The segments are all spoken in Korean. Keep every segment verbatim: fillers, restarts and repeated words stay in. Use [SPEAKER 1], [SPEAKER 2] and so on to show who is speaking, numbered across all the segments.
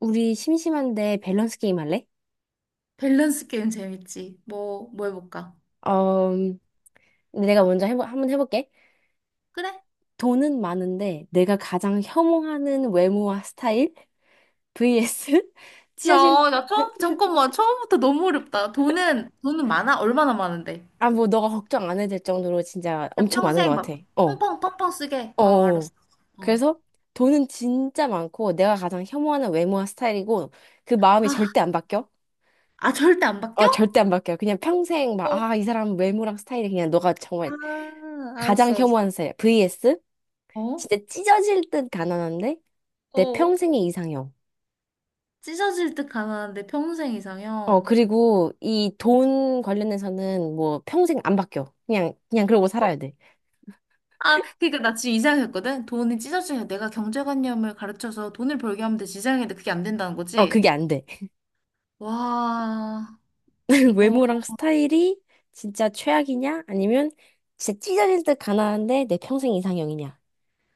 [SPEAKER 1] 우리 심심한데 밸런스 게임 할래?
[SPEAKER 2] 밸런스 게임 재밌지. 뭐, 뭐 해볼까?
[SPEAKER 1] 어, 내가 먼저 해보, 한번 해볼게.
[SPEAKER 2] 그래?
[SPEAKER 1] 돈은 많은데 내가 가장 혐오하는 외모와 스타일 버서스 찢어질
[SPEAKER 2] 야, 나 처음, 잠깐만. 처음부터 너무 어렵다. 돈은, 돈은 많아? 얼마나 많은데?
[SPEAKER 1] 아 뭐 너가 걱정 안 해도 될 정도로 진짜
[SPEAKER 2] 그냥
[SPEAKER 1] 엄청 많은 것
[SPEAKER 2] 평생
[SPEAKER 1] 같아.
[SPEAKER 2] 막
[SPEAKER 1] 어,
[SPEAKER 2] 펑펑, 펑펑 쓰게.
[SPEAKER 1] 어.
[SPEAKER 2] 어,
[SPEAKER 1] 어.
[SPEAKER 2] 알았어. 어.
[SPEAKER 1] 그래서 돈은 진짜 많고 내가 가장 혐오하는 외모와 스타일이고 그 마음이
[SPEAKER 2] 아,
[SPEAKER 1] 절대 안 바뀌어.
[SPEAKER 2] 아, 절대 안 바뀌어?
[SPEAKER 1] 어, 절대 안 바뀌어. 그냥 평생 막,
[SPEAKER 2] 어,
[SPEAKER 1] 아, 이 사람 외모랑 스타일이 그냥 너가 정말
[SPEAKER 2] 아,
[SPEAKER 1] 가장
[SPEAKER 2] 알았어, 알았어.
[SPEAKER 1] 혐오하는 스타일. 버서스
[SPEAKER 2] 어?
[SPEAKER 1] 진짜 찢어질 듯 가난한데 내
[SPEAKER 2] 어.
[SPEAKER 1] 평생의 이상형.
[SPEAKER 2] 찢어질 듯 가난한데 평생
[SPEAKER 1] 어,
[SPEAKER 2] 이상형.
[SPEAKER 1] 그리고 이 돈 관련해서는 뭐 평생 안 바뀌어. 그냥, 그냥 그러고 살아야 돼.
[SPEAKER 2] 아, 그니까 나 지금 이상했거든? 돈이 찢어지면 내가 경제관념을 가르쳐서 돈을 벌게 하면 되지. 이상했는데 그게 안 된다는
[SPEAKER 1] 어,
[SPEAKER 2] 거지?
[SPEAKER 1] 그게 안 돼.
[SPEAKER 2] 와, 이거.
[SPEAKER 1] 외모랑 스타일이 진짜 최악이냐? 아니면 진짜 찢어질 듯 가난한데 내 평생 이상형이냐?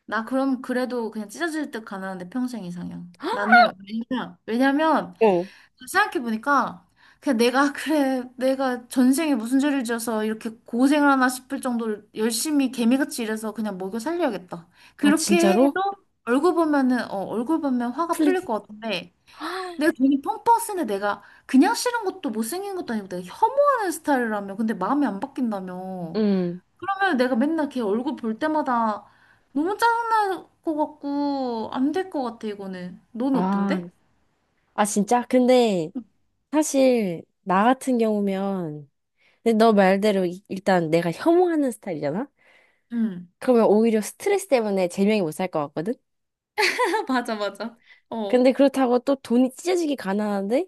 [SPEAKER 2] 나 그럼 그래도 그냥 찢어질 듯 가난한데 평생 이상형. 나는 왜냐, 왜냐면
[SPEAKER 1] 어.
[SPEAKER 2] 생각해보니까 그냥 내가 그래 내가 전생에 무슨 죄를 지어서 이렇게 고생을 하나 싶을 정도로 열심히 개미같이 일해서 그냥 먹여 살려야겠다.
[SPEAKER 1] 아,
[SPEAKER 2] 그렇게
[SPEAKER 1] 진짜로?
[SPEAKER 2] 해도 얼굴 보면은 어 얼굴 보면 화가
[SPEAKER 1] 플리.
[SPEAKER 2] 풀릴 것 같은데
[SPEAKER 1] 아,
[SPEAKER 2] 내가 돈이 펑펑 쓰는데 내가 그냥 싫은 것도 못생긴 것도 아니고 내가 혐오하는 스타일이라며 근데 마음이 안 바뀐다며
[SPEAKER 1] 음.
[SPEAKER 2] 그러면 내가 맨날 걔 얼굴 볼 때마다 너무 짜증날 것 같고 안 될 것 같아 이거는. 넌
[SPEAKER 1] 아,
[SPEAKER 2] 어떤데?
[SPEAKER 1] 아, 진짜? 근데 사실 나 같은 경우면 근데 너 말대로 이- 일단 내가 혐오하는 스타일이잖아?
[SPEAKER 2] 응.
[SPEAKER 1] 그러면 오히려 스트레스 때문에 제명이 못 살 것 같거든?
[SPEAKER 2] 맞아, 맞아. 어,
[SPEAKER 1] 근데 그렇다고 또 돈이 찢어지게 가난한데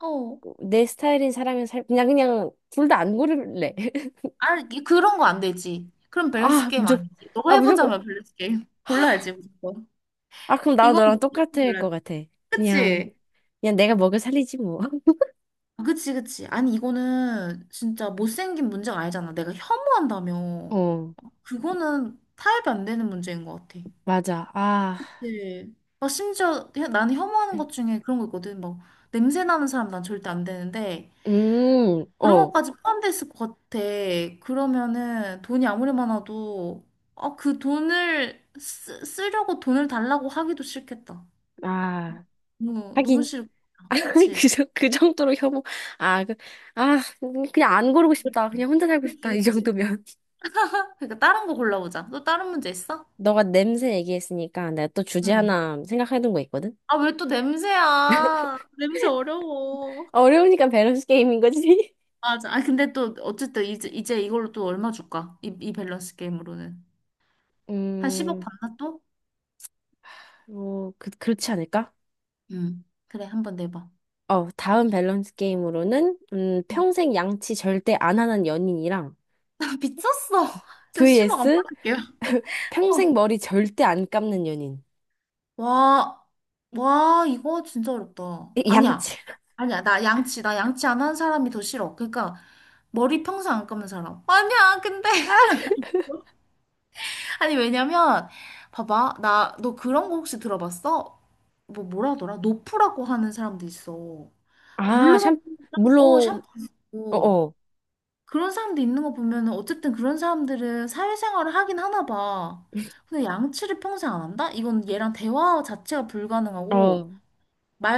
[SPEAKER 2] 어.
[SPEAKER 1] 내 스타일인 사람은 살 그냥 그냥 둘 다 안 고를래.
[SPEAKER 2] 아, 이- 그런 거 안 되지. 그럼 밸런스
[SPEAKER 1] 아
[SPEAKER 2] 게임
[SPEAKER 1] 무조건
[SPEAKER 2] 아니지. 너가
[SPEAKER 1] 아 무조건
[SPEAKER 2] 해보자면 밸런스 게임. 골라야지 무조건.
[SPEAKER 1] 아 그럼 나도
[SPEAKER 2] 이건
[SPEAKER 1] 너랑
[SPEAKER 2] 무조건
[SPEAKER 1] 똑같을
[SPEAKER 2] 골라야
[SPEAKER 1] 것
[SPEAKER 2] 돼.
[SPEAKER 1] 같아. 그냥
[SPEAKER 2] 그치?
[SPEAKER 1] 그냥 내가 먹여 살리지 뭐.
[SPEAKER 2] 아, 그치, 그치. 아니, 이거는 진짜 못생긴 문제가 아니잖아. 내가 혐오한다며.
[SPEAKER 1] 어
[SPEAKER 2] 그거는 타협이 안 되는 문제인 것 같아.
[SPEAKER 1] 맞아. 아
[SPEAKER 2] 네. 막 심지어 혀- 나는 혐오하는 것 중에 그런 거 있거든. 막 냄새 나는 사람 난 절대 안 되는데
[SPEAKER 1] 음
[SPEAKER 2] 그런
[SPEAKER 1] 어
[SPEAKER 2] 것까지 포함돼 있을 것 같아. 그러면은 돈이 아무리 많아도 아, 그 돈을 쓰, 쓰려고 돈을 달라고 하기도 싫겠다.
[SPEAKER 1] 아
[SPEAKER 2] 너무 너무
[SPEAKER 1] 하긴
[SPEAKER 2] 싫다. 그치?
[SPEAKER 1] 그, 정- 그 정도로 혐오 아그아 그냥 안 고르고 싶다. 그냥 혼자 살고
[SPEAKER 2] 그치,
[SPEAKER 1] 싶다 이
[SPEAKER 2] 그치.
[SPEAKER 1] 정도면.
[SPEAKER 2] 그러니까 다른 거 골라보자. 또 다른 문제 있어?
[SPEAKER 1] 너가 냄새 얘기했으니까 내가 또 주제
[SPEAKER 2] 응.
[SPEAKER 1] 하나 생각해둔 거 있거든?
[SPEAKER 2] 아, 왜 또 냄새야? 냄새 어려워.
[SPEAKER 1] 아, 어려우니까 밸런스 게임인 거지.
[SPEAKER 2] 맞아. 아, 근데 또, 어쨌든 이제, 이제 이걸로 또 얼마 줄까? 이, 이 밸런스 게임으로는. 한 십억
[SPEAKER 1] 음,
[SPEAKER 2] 받나 또?
[SPEAKER 1] 뭐, 그, 그렇지 않을까?
[SPEAKER 2] 응. 그래, 한 번 내봐.
[SPEAKER 1] 어, 다음 밸런스 게임으로는, 음,
[SPEAKER 2] 응.
[SPEAKER 1] 평생 양치 절대 안 하는 연인이랑,
[SPEAKER 2] 나 미쳤어. 저 십억 안
[SPEAKER 1] 버서스
[SPEAKER 2] 받을게요.
[SPEAKER 1] 평생
[SPEAKER 2] 어.
[SPEAKER 1] 머리 절대 안 감는 연인.
[SPEAKER 2] 와, 와, 이거 진짜 어렵다.
[SPEAKER 1] 이-
[SPEAKER 2] 아니야.
[SPEAKER 1] 양치.
[SPEAKER 2] 아니야. 나 양치, 나 양치 안 하는 사람이 더 싫어. 그러니까, 머리 평생 안 감는 사람. 아니야, 근데. 아니, 왜냐면, 봐봐. 나, 너 그런 거 혹시 들어봤어? 뭐, 뭐라 하더라? 노프라고 하는 사람도 있어.
[SPEAKER 1] 아,
[SPEAKER 2] 물로만
[SPEAKER 1] 샴,
[SPEAKER 2] 어,
[SPEAKER 1] 물론,
[SPEAKER 2] 샴푸 안
[SPEAKER 1] 어,
[SPEAKER 2] 쓰고.
[SPEAKER 1] 어,
[SPEAKER 2] 그런 사람도 있는 거 보면은 어쨌든 그런 사람들은 사회생활을 하긴 하나 봐. 근데 양치를 평생 안 한다? 이건 얘랑 대화 자체가 불가능하고,
[SPEAKER 1] 어.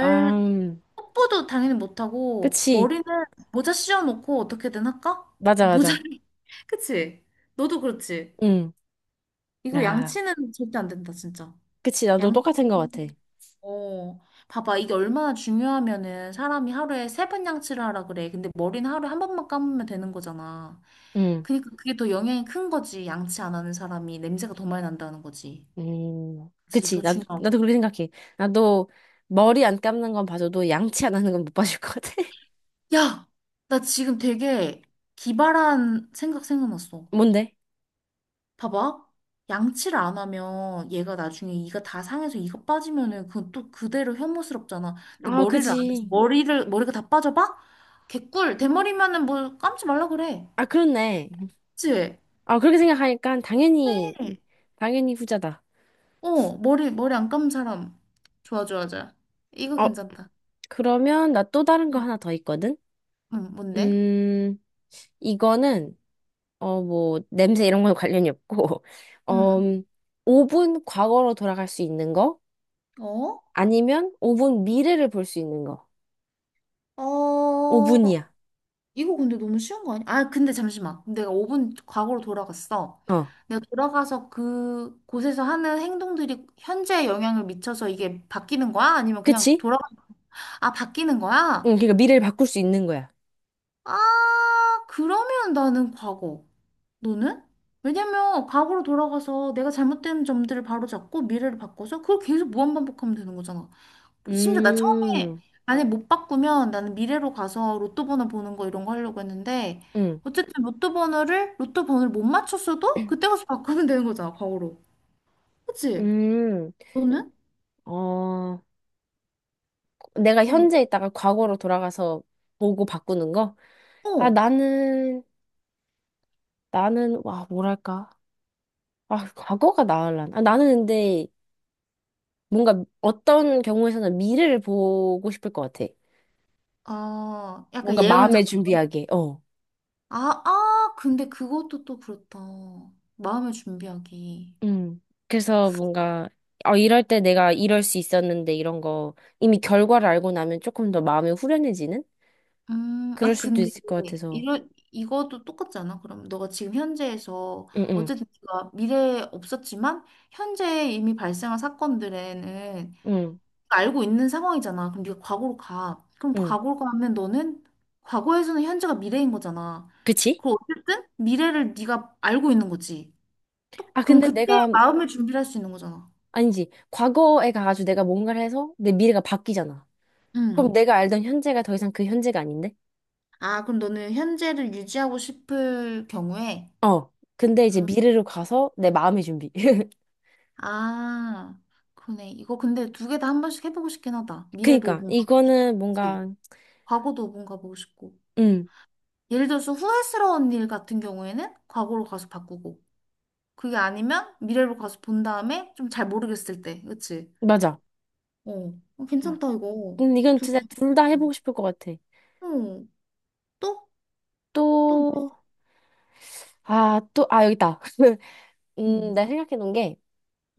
[SPEAKER 1] 아, 음.
[SPEAKER 2] 뽀뽀도 당연히 못하고,
[SPEAKER 1] 그치.
[SPEAKER 2] 머리는 모자 씌워놓고 어떻게든 할까?
[SPEAKER 1] 맞아,
[SPEAKER 2] 모자를,
[SPEAKER 1] 맞아.
[SPEAKER 2] 그치? 너도 그렇지?
[SPEAKER 1] 응.
[SPEAKER 2] 이거
[SPEAKER 1] 아,
[SPEAKER 2] 양치는 절대 안 된다, 진짜.
[SPEAKER 1] 그치. 나도
[SPEAKER 2] 양치,
[SPEAKER 1] 똑같은 거 같아.
[SPEAKER 2] 어, 봐봐. 이게 얼마나 중요하면은 사람이 하루에 세 번 양치를 하라 그래. 근데 머리는 하루에 한 번만 감으면 되는 거잖아.
[SPEAKER 1] 응.
[SPEAKER 2] 그러니까 그게 더 영향이 큰 거지. 양치 안 하는 사람이 냄새가 더 많이 난다는 거지.
[SPEAKER 1] 음,
[SPEAKER 2] 그치,
[SPEAKER 1] 그치.
[SPEAKER 2] 더
[SPEAKER 1] 나도,
[SPEAKER 2] 중요하고.
[SPEAKER 1] 나도 그렇게 생각해. 나도 머리 안 감는 건 봐줘도 양치 안 하는 건 못 봐줄 것 같아.
[SPEAKER 2] 야! 나 지금 되게 기발한 생각 생각났어.
[SPEAKER 1] 뭔데?
[SPEAKER 2] 봐봐. 양치를 안 하면 얘가 나중에 이가 다 상해서 이가 빠지면은 그건 또 그대로 혐오스럽잖아. 근데
[SPEAKER 1] 아,
[SPEAKER 2] 머리를 안 해서
[SPEAKER 1] 그지.
[SPEAKER 2] 머리를, 머리가 다 빠져봐? 개꿀. 대머리면은 뭐 감지 말라 그래.
[SPEAKER 1] 아, 그렇네.
[SPEAKER 2] 그치?
[SPEAKER 1] 아, 그렇게 생각하니까 당연히, 당연히 후자다.
[SPEAKER 2] 어, 머리, 머리 안 감은 사람. 좋아, 좋아, 좋아. 이거
[SPEAKER 1] 어,
[SPEAKER 2] 괜찮다.
[SPEAKER 1] 그러면 나 또 다른 거
[SPEAKER 2] 응,
[SPEAKER 1] 하나 더 있거든?
[SPEAKER 2] 응, 뭔데?
[SPEAKER 1] 음, 이거는, 어, 뭐, 냄새 이런 건 관련이 없고, 어,
[SPEAKER 2] 응.
[SPEAKER 1] 오 분 과거로 돌아갈 수 있는 거?
[SPEAKER 2] 어?
[SPEAKER 1] 아니면 오 분 미래를 볼 수 있는 거?
[SPEAKER 2] 어,
[SPEAKER 1] 오 분이야
[SPEAKER 2] 이거 근데 너무 쉬운 거 아니야? 아, 근데 잠시만. 내가 오 분 과거로 돌아갔어.
[SPEAKER 1] 어.
[SPEAKER 2] 내가 돌아가서 그 곳에서 하는 행동들이 현재에 영향을 미쳐서 이게 바뀌는 거야? 아니면 그냥
[SPEAKER 1] 그치?
[SPEAKER 2] 돌아, 아, 바뀌는 거야?
[SPEAKER 1] 응, 그러니까 미래를 바꿀 수 있는 거야.
[SPEAKER 2] 아, 그러면 나는 과거. 너는? 왜냐면 과거로 돌아가서 내가 잘못된 점들을 바로잡고 미래를 바꿔서 그걸 계속 무한반복하면 되는 거잖아. 심지어 나 처음에
[SPEAKER 1] 음,
[SPEAKER 2] 만약 못 바꾸면 나는 미래로 가서 로또 번호 보는 거 이런 거 하려고 했는데
[SPEAKER 1] 응,
[SPEAKER 2] 어쨌든 로또 번호를 로또 번호를 못 맞췄어도 그때 가서 바꾸면 되는 거잖아 과거로 그치?
[SPEAKER 1] 음,
[SPEAKER 2] 너는?
[SPEAKER 1] 어, 내가
[SPEAKER 2] 너는?
[SPEAKER 1] 현재 있다가 과거로 돌아가서 보고 바꾸는 거? 아,
[SPEAKER 2] 어.
[SPEAKER 1] 나는, 나는, 와, 뭐랄까. 아, 과거가 나을란. 아, 나는 근데 뭔가 어떤 경우에서는 미래를 보고 싶을 것 같아.
[SPEAKER 2] 아 약간
[SPEAKER 1] 뭔가 마음의
[SPEAKER 2] 예언자처럼
[SPEAKER 1] 준비하게, 어.
[SPEAKER 2] 아, 아 근데 그것도 또 그렇다 마음을 준비하기
[SPEAKER 1] 음, 그래서 뭔가, 어, 이럴 때 내가 이럴 수 있었는데 이런 거 이미 결과를 알고 나면 조금 더 마음이 후련해지는?
[SPEAKER 2] 음,
[SPEAKER 1] 그럴
[SPEAKER 2] 아,
[SPEAKER 1] 수도
[SPEAKER 2] 근데,
[SPEAKER 1] 있을 것 같아서.
[SPEAKER 2] 이런, 이것도 똑같지 않아? 그럼 너가 지금 현재에서,
[SPEAKER 1] 응, 응,
[SPEAKER 2] 어쨌든 네가 미래에 없었지만, 현재에 이미 발생한 사건들에는
[SPEAKER 1] 응.
[SPEAKER 2] 알고 있는 상황이잖아. 그럼 네가 과거로 가. 그럼
[SPEAKER 1] 응.
[SPEAKER 2] 과거로 가면 너는, 과거에서는 현재가 미래인 거잖아.
[SPEAKER 1] 그치?
[SPEAKER 2] 그럼 어쨌든, 미래를 네가 알고 있는 거지. 또,
[SPEAKER 1] 아,
[SPEAKER 2] 그럼
[SPEAKER 1] 근데
[SPEAKER 2] 그때
[SPEAKER 1] 내가,
[SPEAKER 2] 마음을 준비할 수 있는 거잖아.
[SPEAKER 1] 아니지. 과거에 가가지고 내가 뭔가를 해서 내 미래가 바뀌잖아. 그럼
[SPEAKER 2] 응.
[SPEAKER 1] 내가 알던 현재가 더 이상 그 현재가 아닌데?
[SPEAKER 2] 아, 그럼 너는 현재를 유지하고 싶을 경우에,
[SPEAKER 1] 어. 근데 이제 미래로 가서 내 마음의 준비.
[SPEAKER 2] 아, 그러네. 이거 근데 두 개 다 한 번씩 해보고 싶긴 하다. 미래도
[SPEAKER 1] 그니까,
[SPEAKER 2] 오 분 가보고 싶고,
[SPEAKER 1] 이거는
[SPEAKER 2] 그치?
[SPEAKER 1] 뭔가,
[SPEAKER 2] 과거도 오 분 가보고 싶고.
[SPEAKER 1] 응,
[SPEAKER 2] 예를 들어서 후회스러운 일 같은 경우에는 과거로 가서 바꾸고, 그게 아니면 미래로 가서 본 다음에 좀 잘 모르겠을 때, 그치?
[SPEAKER 1] 맞아.
[SPEAKER 2] 어, 어, 괜찮다, 이거.
[SPEAKER 1] 음, 이건
[SPEAKER 2] 두
[SPEAKER 1] 진짜
[SPEAKER 2] 개.
[SPEAKER 1] 둘 다
[SPEAKER 2] 어,
[SPEAKER 1] 해보고 싶을 것 같아.
[SPEAKER 2] 어, 또? 또? 뭐
[SPEAKER 1] 또,
[SPEAKER 2] 있어?
[SPEAKER 1] 아, 또, 아, 여기 있다. 음,
[SPEAKER 2] 음.
[SPEAKER 1] 내가 생각해 놓은 게,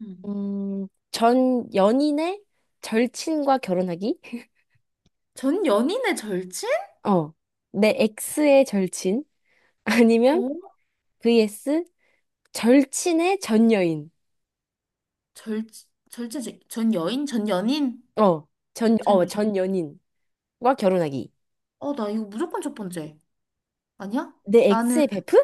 [SPEAKER 2] 음.
[SPEAKER 1] 음, 전 연인의 절친과 결혼하기?
[SPEAKER 2] 전 연인의 절친?
[SPEAKER 1] 어. 내 X의 절친? 아니면
[SPEAKER 2] 어?
[SPEAKER 1] 버서스 절친의 전 여인.
[SPEAKER 2] 절, 절친, 전 여인? 전 연인?
[SPEAKER 1] 어, 전,
[SPEAKER 2] 전,
[SPEAKER 1] 어,
[SPEAKER 2] 여-
[SPEAKER 1] 전 연인과 결혼하기.
[SPEAKER 2] 어, 나 이거 무조건 첫 번째. 아니야?
[SPEAKER 1] 내
[SPEAKER 2] 나는
[SPEAKER 1] 엑스의 베프?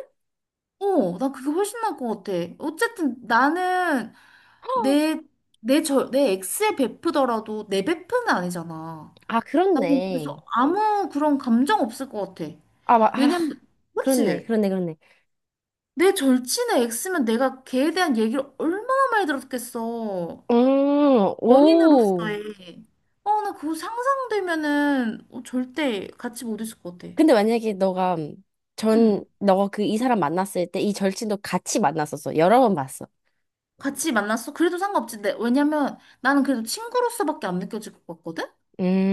[SPEAKER 2] 어, 난 그게 훨씬 나을 것 같아. 어쨌든 나는
[SPEAKER 1] 헉!
[SPEAKER 2] 내, 내 저, 내 X에 베프더라도 내 베프는 아니잖아.
[SPEAKER 1] 아,
[SPEAKER 2] 나는
[SPEAKER 1] 그렇네.
[SPEAKER 2] 그래서 아무 그런 감정 없을 것 같아.
[SPEAKER 1] 아, 마, 아,
[SPEAKER 2] 왜냐면,
[SPEAKER 1] 그렇네.
[SPEAKER 2] 그치?
[SPEAKER 1] 그렇네. 그렇네.
[SPEAKER 2] 내 절친의 X면 내가 걔에 대한 얘기를 얼마나 많이 들었겠어.
[SPEAKER 1] 음, 오.
[SPEAKER 2] 연인으로서의. 어, 나 그거 상상되면은 어, 절대 같이 못 있을 것 같아.
[SPEAKER 1] 근데 만약에 너가
[SPEAKER 2] 응.
[SPEAKER 1] 전, 너가 그 이 사람 만났을 때 이 절친도 같이 만났었어. 여러 번 봤어.
[SPEAKER 2] 같이 만났어? 그래도 상관없지. 내- 왜냐면 나는 그래도 친구로서밖에 안 느껴질 것 같거든?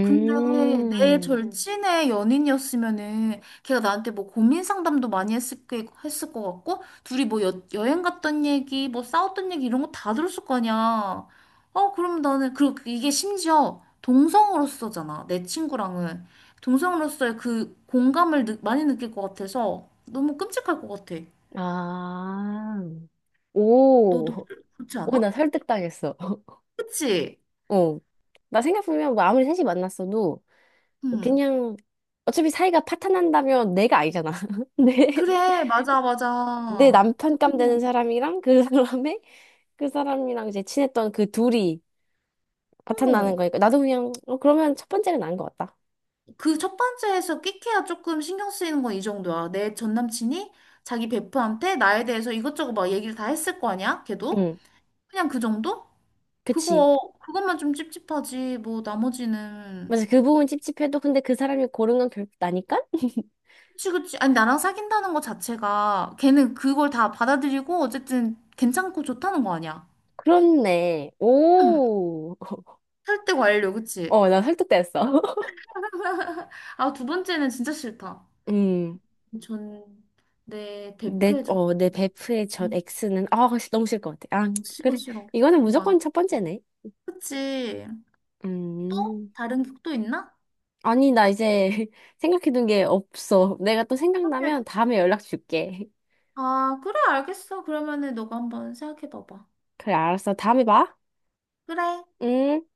[SPEAKER 2] 근데 내 응. 절친의 연인이었으면은 걔가 나한테 뭐 고민 상담도 많이 했을 게 했을 것 같고 둘이 뭐 여, 여행 갔던 얘기 뭐 싸웠던 얘기 이런 거 다 들었을 거 아니야. 어 그럼 나는 그리고 이게 심지어 동성으로서잖아 내 친구랑은 동성으로서의 그 공감을 느, 많이 느낄 것 같아서 너무 끔찍할 것 같아.
[SPEAKER 1] 아,
[SPEAKER 2] 너도
[SPEAKER 1] 오.
[SPEAKER 2] 그렇지
[SPEAKER 1] 오, 나
[SPEAKER 2] 않아?
[SPEAKER 1] 설득당했어.
[SPEAKER 2] 그치?
[SPEAKER 1] 어. 나 생각해보면 뭐 아무리 셋이 만났어도
[SPEAKER 2] 응.
[SPEAKER 1] 그냥 어차피 사이가 파탄난다면 내가 알잖아. 내,
[SPEAKER 2] 그래 맞아 맞아.
[SPEAKER 1] 내
[SPEAKER 2] 어.
[SPEAKER 1] 남편 감 되는 사람이랑 그 사람의 그 사람이랑 이제 친했던 그 둘이 파탄나는
[SPEAKER 2] 어.
[SPEAKER 1] 거니까 나도 그냥 어, 그러면 첫 번째가 나은 것 같다.
[SPEAKER 2] 그 첫 번째에서 끽해야 조금 신경 쓰이는 건 이 정도야. 내 전 남친이 자기 베프한테 나에 대해서 이것저것 막 얘기를 다 했을 거 아니야? 걔도?
[SPEAKER 1] 응,
[SPEAKER 2] 그냥 그 정도?
[SPEAKER 1] 그치.
[SPEAKER 2] 그거, 그것만 좀 찝찝하지. 뭐, 나머지는.
[SPEAKER 1] 맞아 그 부분 찝찝해도 근데 그 사람이 고른 건 결국 나니까?
[SPEAKER 2] 그치, 그치. 아니, 나랑 사귄다는 거 자체가 걔는 그걸 다 받아들이고 어쨌든 괜찮고 좋다는 거 아니야.
[SPEAKER 1] 그렇네.
[SPEAKER 2] 응.
[SPEAKER 1] 오.
[SPEAKER 2] 설득 완료, 그치?
[SPEAKER 1] 어, 나 설득됐어.
[SPEAKER 2] 아, 두 번째는 진짜 싫다.
[SPEAKER 1] 음.
[SPEAKER 2] 전, 내
[SPEAKER 1] 내,
[SPEAKER 2] 대표의 전,
[SPEAKER 1] 어, 내 베프의 전
[SPEAKER 2] 음,
[SPEAKER 1] X는, 아, 너무 싫을 것 같아. 아,
[SPEAKER 2] 싫어,
[SPEAKER 1] 그래.
[SPEAKER 2] 싫어.
[SPEAKER 1] 이거는
[SPEAKER 2] 이거 안.
[SPEAKER 1] 무조건 첫 번째네.
[SPEAKER 2] 그치. 또?
[SPEAKER 1] 음.
[SPEAKER 2] 다른 곡도 있나?
[SPEAKER 1] 아니, 나 이제 생각해둔 게 없어. 내가 또
[SPEAKER 2] 근데,
[SPEAKER 1] 생각나면 다음에 연락 줄게.
[SPEAKER 2] 아, 그래, 알겠어. 그러면은 너가 한번 생각해 봐봐.
[SPEAKER 1] 그래, 알았어. 다음에 봐.
[SPEAKER 2] 그래,
[SPEAKER 1] 음.